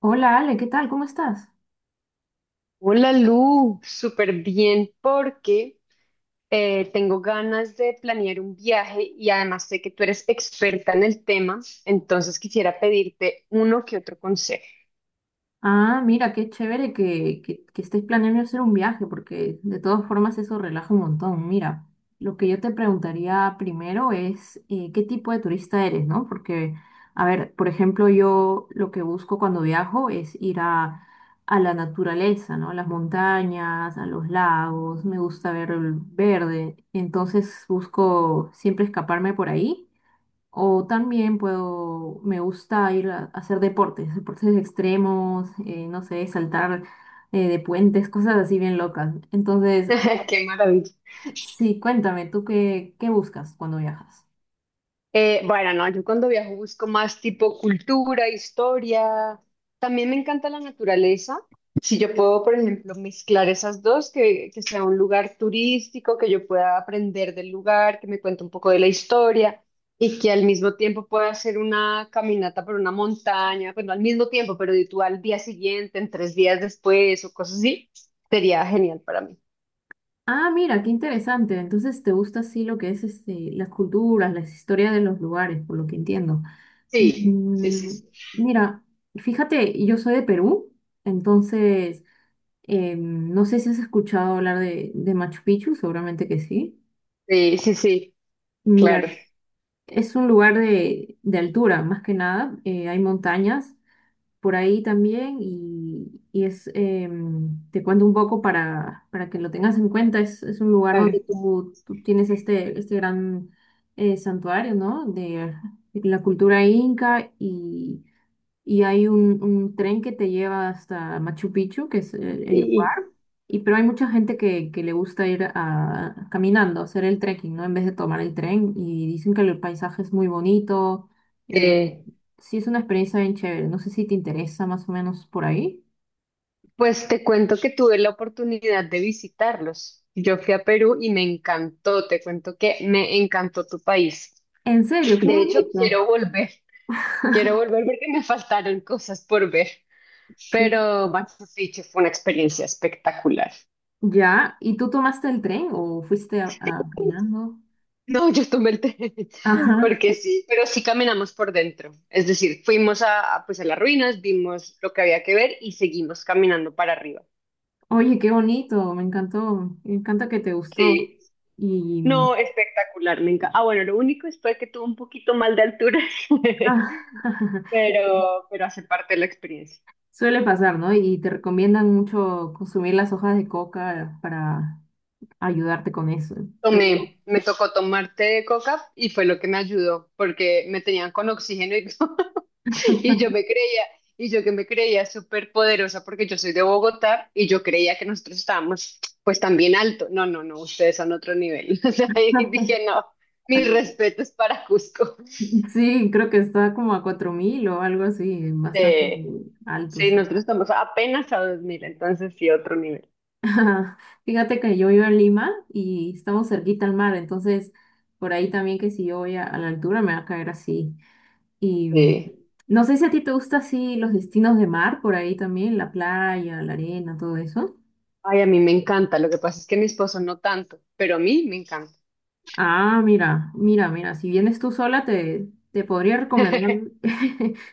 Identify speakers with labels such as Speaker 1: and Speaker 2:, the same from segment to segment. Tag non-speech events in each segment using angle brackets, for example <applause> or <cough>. Speaker 1: Hola Ale, ¿qué tal? ¿Cómo estás?
Speaker 2: Hola Lu, súper bien porque tengo ganas de planear un viaje y además sé que tú eres experta en el tema, entonces quisiera pedirte uno que otro consejo.
Speaker 1: Ah, mira, qué chévere que estés planeando hacer un viaje, porque de todas formas eso relaja un montón. Mira, lo que yo te preguntaría primero es qué tipo de turista eres, ¿no? Porque, a ver, por ejemplo, yo lo que busco cuando viajo es ir a la naturaleza, ¿no? A las montañas, a los lagos, me gusta ver el verde, entonces busco siempre escaparme por ahí. O también puedo, me gusta ir a hacer deportes, deportes extremos, no sé, saltar de puentes, cosas así bien locas. Entonces,
Speaker 2: <laughs> Qué maravilla.
Speaker 1: <laughs> sí, cuéntame, ¿tú qué buscas cuando viajas?
Speaker 2: Bueno, no, yo cuando viajo busco más tipo cultura, historia. También me encanta la naturaleza. Si yo puedo, por ejemplo, mezclar esas dos, que sea un lugar turístico, que yo pueda aprender del lugar, que me cuente un poco de la historia y que al mismo tiempo pueda hacer una caminata por una montaña, bueno, al mismo tiempo, pero tú al día siguiente, en 3 días después o cosas así, sería genial para mí.
Speaker 1: Ah, mira, qué interesante. Entonces, te gusta así lo que es este, las culturas, las historias de los lugares, por lo que entiendo.
Speaker 2: Sí, sí, sí,
Speaker 1: Mm,
Speaker 2: sí.
Speaker 1: mira, fíjate, yo soy de Perú, entonces, no sé si has escuchado hablar de Machu Picchu, seguramente que sí.
Speaker 2: Sí, sí, sí,
Speaker 1: Mira.
Speaker 2: claro,
Speaker 1: Es un lugar de altura, más que nada. Hay montañas por ahí también y es, te cuento un poco para que lo tengas en cuenta. Es un lugar donde
Speaker 2: claro.
Speaker 1: tú tienes este, este gran santuario, ¿no? De la cultura inca y hay un tren que te lleva hasta Machu Picchu, que es el lugar,
Speaker 2: Y,
Speaker 1: y pero hay mucha gente que le gusta ir caminando, hacer el trekking, ¿no? En vez de tomar el tren, y dicen que el paisaje es muy bonito,
Speaker 2: y,
Speaker 1: eh,
Speaker 2: eh,
Speaker 1: sí es una experiencia bien chévere, no sé si te interesa más o menos por ahí.
Speaker 2: Pues te cuento que tuve la oportunidad de visitarlos. Yo fui a Perú y me encantó, te cuento que me encantó tu país.
Speaker 1: En serio, qué
Speaker 2: De hecho,
Speaker 1: bonito.
Speaker 2: quiero
Speaker 1: <laughs>
Speaker 2: volver porque me faltaron cosas por ver,
Speaker 1: ¿Qué?
Speaker 2: pero Machu Picchu fue una experiencia espectacular.
Speaker 1: Ya, ¿y tú tomaste el tren o fuiste caminando?
Speaker 2: No, yo tomé el té, <laughs>
Speaker 1: Ajá.
Speaker 2: porque sí, pero sí caminamos por dentro. Es decir, fuimos a, pues a las ruinas, vimos lo que había que ver y seguimos caminando para arriba.
Speaker 1: Oye, qué bonito, me encantó, me encanta que te gustó.
Speaker 2: Sí.
Speaker 1: Y
Speaker 2: No, espectacular, me encanta. Ah, bueno, lo único es fue que tuvo un poquito mal de altura, <laughs>
Speaker 1: Ah, <laughs> sí,
Speaker 2: pero hace parte de la experiencia.
Speaker 1: suele pasar, ¿no? Y te recomiendan mucho consumir las hojas de coca para ayudarte con eso. Pero
Speaker 2: Tomé, me tocó tomar té de coca y fue lo que me ayudó, porque me tenían con oxígeno y, <laughs> y yo me creía, y yo que me creía súper poderosa porque yo soy de Bogotá y yo creía que nosotros estábamos pues también alto. No, no, no, ustedes son otro nivel. <laughs> O sea, y
Speaker 1: <laughs>
Speaker 2: dije, no, mis respetos para Cusco.
Speaker 1: sí, creo que está como a 4.000 o algo así, bastante
Speaker 2: Eh,
Speaker 1: alto,
Speaker 2: sí,
Speaker 1: sí.
Speaker 2: nosotros estamos apenas a 2.000, entonces sí, otro nivel.
Speaker 1: <laughs> Fíjate que yo vivo en Lima y estamos cerquita al mar, entonces por ahí también que si yo voy a la altura me va a caer así. Y mm,
Speaker 2: Sí.
Speaker 1: no sé si a ti te gusta así los destinos de mar, por ahí también, la playa, la arena, todo eso.
Speaker 2: Ay, a mí me encanta. Lo que pasa es que mi esposo no tanto, pero a mí me encanta.
Speaker 1: Ah, mira, mira, mira, si vienes tú sola, te podría recomendar
Speaker 2: <laughs>
Speaker 1: <laughs>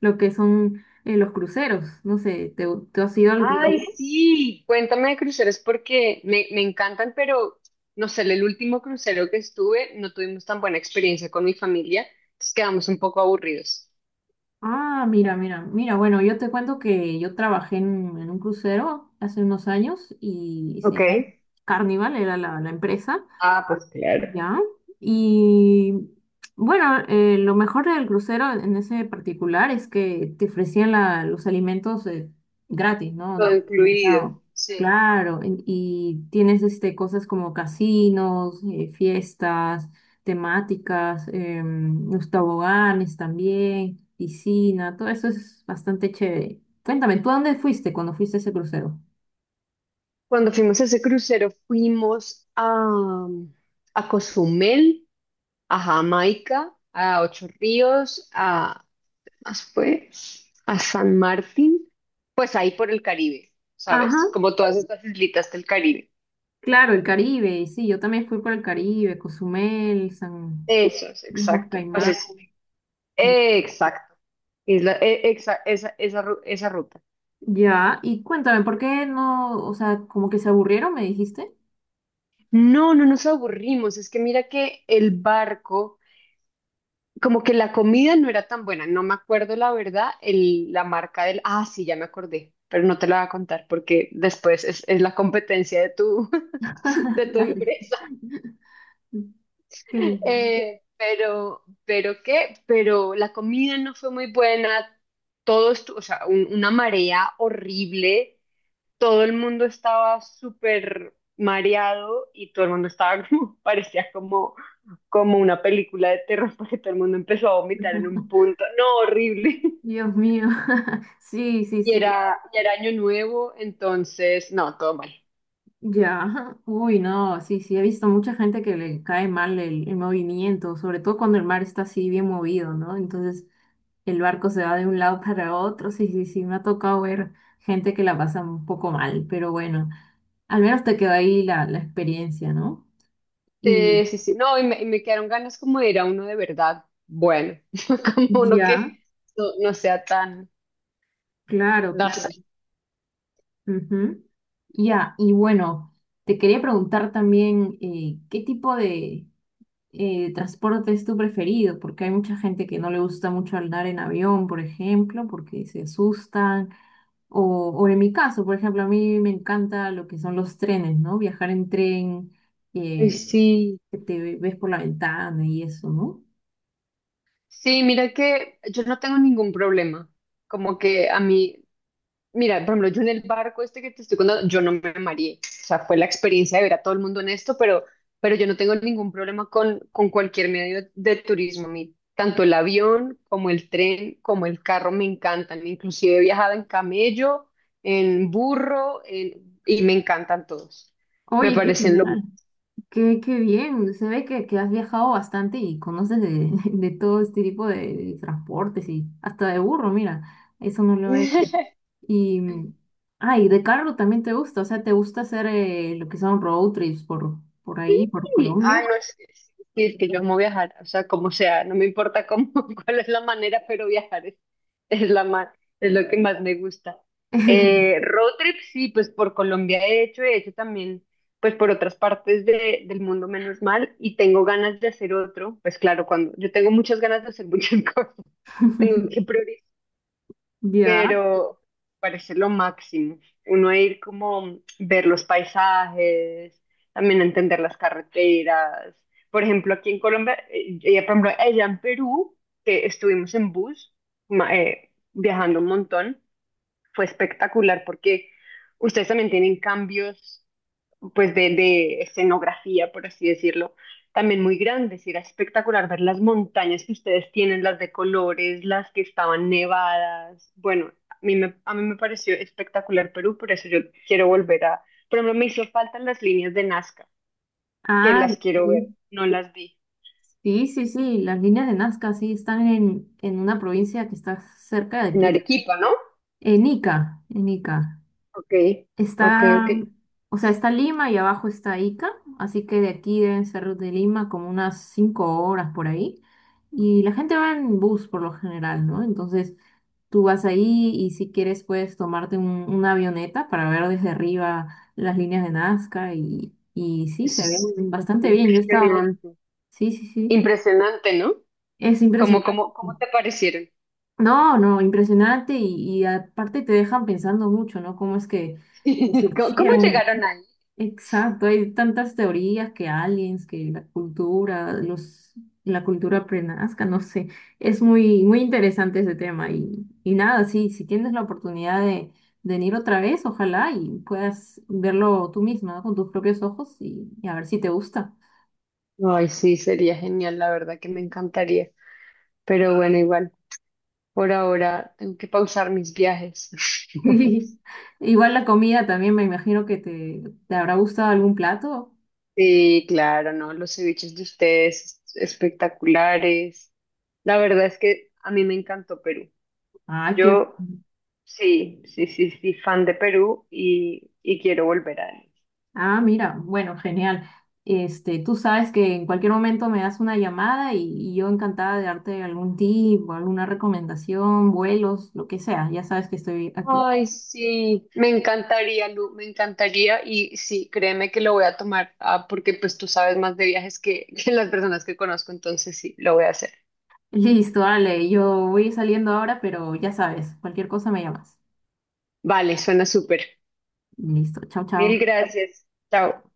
Speaker 1: lo que son los cruceros. No sé, te has ido al
Speaker 2: Ay,
Speaker 1: crucero?
Speaker 2: sí. Cuéntame de cruceros porque me encantan, pero no sé, el último crucero que estuve no tuvimos tan buena experiencia con mi familia, entonces quedamos un poco aburridos.
Speaker 1: Ah, mira, mira, mira, bueno, yo te cuento que yo trabajé en un crucero hace unos años y se
Speaker 2: Ok.
Speaker 1: llama Carnival, era la empresa,
Speaker 2: Ah, pues claro.
Speaker 1: ya. Y bueno, lo mejor del crucero en ese particular es que te ofrecían los alimentos gratis,
Speaker 2: Todo
Speaker 1: ¿no?
Speaker 2: incluido.
Speaker 1: Limitado.
Speaker 2: Sí.
Speaker 1: Claro, y tienes este, cosas como casinos, fiestas temáticas, los toboganes también, piscina, todo eso es bastante chévere. Cuéntame, ¿tú a dónde fuiste cuando fuiste a ese crucero?
Speaker 2: Cuando fuimos a ese crucero, fuimos a Cozumel, a Jamaica, a Ocho Ríos, a Después, a San Martín, pues ahí por el Caribe, ¿sabes? Como todas estas islitas del Caribe.
Speaker 1: Claro, el Caribe, sí, yo también fui por el Caribe, Cozumel, San...
Speaker 2: Eso es,
Speaker 1: Islas
Speaker 2: exacto. Pues
Speaker 1: Caimán.
Speaker 2: es, exacto. Esa ruta.
Speaker 1: Ya, y cuéntame, ¿por qué no, o sea, como que se aburrieron, me dijiste?
Speaker 2: No, no nos aburrimos. Es que mira que el barco, como que la comida no era tan buena. No me acuerdo la verdad, el, la marca del... Ah, sí, ya me acordé, pero no te la voy a contar porque después es la competencia de tu, <laughs> de
Speaker 1: <laughs>
Speaker 2: tu
Speaker 1: Dale.
Speaker 2: empresa.
Speaker 1: <laughs> Que-
Speaker 2: Pero la comida no fue muy buena, o sea, una marea horrible, todo el mundo estaba súper mareado y todo el mundo estaba como, <laughs> parecía como, como una película de terror porque todo el mundo empezó a vomitar en un
Speaker 1: <laughs>
Speaker 2: punto, no, horrible. <laughs>
Speaker 1: Dios mío. <laughs> Sí, sí,
Speaker 2: Y
Speaker 1: sí.
Speaker 2: era, y era año nuevo, entonces, no, todo mal.
Speaker 1: Ya, <laughs> ajá. Uy, no, sí, sí, he visto mucha gente que le cae mal el movimiento, sobre todo cuando el mar está así bien movido, ¿no? Entonces el barco se va de un lado <laughs> para otro, sí, sí, sí, me ha tocado ver gente que la pasa un poco mal, pero bueno, al menos te quedó ahí la experiencia, ¿no? Y
Speaker 2: Sí, sí, sí. No, y me quedaron ganas como de ir a uno de verdad. Bueno, <laughs> como uno
Speaker 1: ya,
Speaker 2: que no sea tan...
Speaker 1: claro,
Speaker 2: No
Speaker 1: claro.
Speaker 2: sé.
Speaker 1: Ujú. Ya, y bueno, te quería preguntar también, ¿qué tipo de, transporte es tu preferido? Porque hay mucha gente que no le gusta mucho andar en avión, por ejemplo, porque se asustan. O, o en mi caso, por ejemplo, a mí me encanta lo que son los trenes, ¿no? Viajar en tren,
Speaker 2: Ay,
Speaker 1: eh,
Speaker 2: sí,
Speaker 1: que te ves por la ventana y eso, ¿no?
Speaker 2: sí, mira que yo no tengo ningún problema. Como que a mí Mira, por ejemplo, yo en el barco este que te estoy contando, yo no me mareé. O sea, fue la experiencia de ver a todo el mundo en esto, pero, yo no tengo ningún problema con cualquier medio de turismo. A mí, tanto el avión como el tren, como el carro me encantan. Inclusive he viajado en camello, en burro, y me encantan todos. Me
Speaker 1: Oye, qué
Speaker 2: parecen lo más.
Speaker 1: genial. Qué bien, se ve que has viajado bastante y conoces de, <laughs> de todo este tipo de transportes y hasta de burro, mira, eso no lo he hecho.
Speaker 2: <laughs>
Speaker 1: Y, mm, ah, y de carro también te gusta, o sea, te gusta hacer lo que son road trips por ahí, por
Speaker 2: Sí.
Speaker 1: Colombia.
Speaker 2: Ah, no es, es- sí, es que yo amo viajar, o sea, como sea, no me importa cómo, <laughs> cuál es la manera, pero viajar es la más, es lo que más me gusta.
Speaker 1: <laughs>
Speaker 2: Road trip, sí, pues por Colombia he hecho también, pues por otras partes del mundo, menos mal, y tengo ganas de hacer otro, pues claro, cuando yo tengo muchas ganas de hacer muchas <laughs> cosas, tengo que priorizar
Speaker 1: Ya.
Speaker 2: pero parece lo máximo. Uno ir como ver los paisajes, también entender las carreteras. Por ejemplo, aquí en Colombia, ella, por ejemplo, allá en Perú, que estuvimos en bus, ma- viajando un montón, fue espectacular porque ustedes también tienen cambios pues de escenografía, por así decirlo, también muy grandes. Y era espectacular ver las montañas que ustedes tienen, las de colores, las que estaban nevadas. Bueno, a mí me pareció espectacular Perú, por eso yo quiero volver a... Por ejemplo, me hizo falta las líneas de Nazca, que
Speaker 1: Ah,
Speaker 2: las quiero ver,
Speaker 1: sí.
Speaker 2: no las vi.
Speaker 1: Sí, sí, sí, las líneas de Nazca sí están en una provincia que está cerca de
Speaker 2: En
Speaker 1: aquí,
Speaker 2: Arequipa, ¿no?
Speaker 1: en Ica, en Ica.
Speaker 2: Ok, ok, ok.
Speaker 1: Está, o sea, está Lima y abajo está Ica, así que de aquí deben ser de Lima como unas 5 horas por ahí. Y la gente va en bus por lo general, ¿no? Entonces tú vas ahí y si quieres puedes tomarte una avioneta para ver desde arriba las líneas de Nazca y sí, se ven
Speaker 2: Eso es
Speaker 1: bastante bien. Yo he estado ahí.
Speaker 2: impresionante.
Speaker 1: Sí, sí, sí.
Speaker 2: Impresionante, ¿no?
Speaker 1: Es
Speaker 2: ¿Cómo,
Speaker 1: impresionante.
Speaker 2: cómo, cómo te parecieron?
Speaker 1: No, no, impresionante y aparte te dejan pensando mucho, ¿no? ¿Cómo es que
Speaker 2: <laughs> ¿Cómo
Speaker 1: surgieron?
Speaker 2: llegaron ahí?
Speaker 1: Exacto, hay tantas teorías que aliens, que la cultura, los, la cultura prenazca, no sé. Es muy, muy interesante ese tema y nada, sí, si tienes la oportunidad de venir otra vez, ojalá y puedas verlo tú misma, ¿no? Con tus propios ojos y a ver si te gusta. <laughs>
Speaker 2: Ay, sí, sería genial, la verdad que me encantaría. Pero bueno, igual, por ahora tengo que pausar mis viajes. <laughs>
Speaker 1: Sí. Igual la comida también, me imagino que te habrá gustado algún plato.
Speaker 2: Sí, claro, ¿no? Los ceviches de ustedes espectaculares. La verdad es que a mí me encantó Perú.
Speaker 1: Ah qué.
Speaker 2: Yo sí, sí, sí, sí, fan de Perú y quiero volver a él.
Speaker 1: Ah, mira, bueno, genial. Este, tú sabes que en cualquier momento me das una llamada y yo encantada de darte algún tip o alguna recomendación, vuelos, lo que sea. Ya sabes que estoy aquí.
Speaker 2: Ay, sí, me encantaría, Lu, me encantaría y sí, créeme que lo voy a tomar, ah, porque pues tú sabes más de viajes que, <laughs> que las personas que conozco, entonces sí, lo voy a hacer.
Speaker 1: <laughs> Listo, Ale, yo voy saliendo ahora, pero ya sabes, cualquier cosa me llamas.
Speaker 2: Vale, suena súper.
Speaker 1: Listo, chao,
Speaker 2: Mil
Speaker 1: chao.
Speaker 2: gracias. Chao.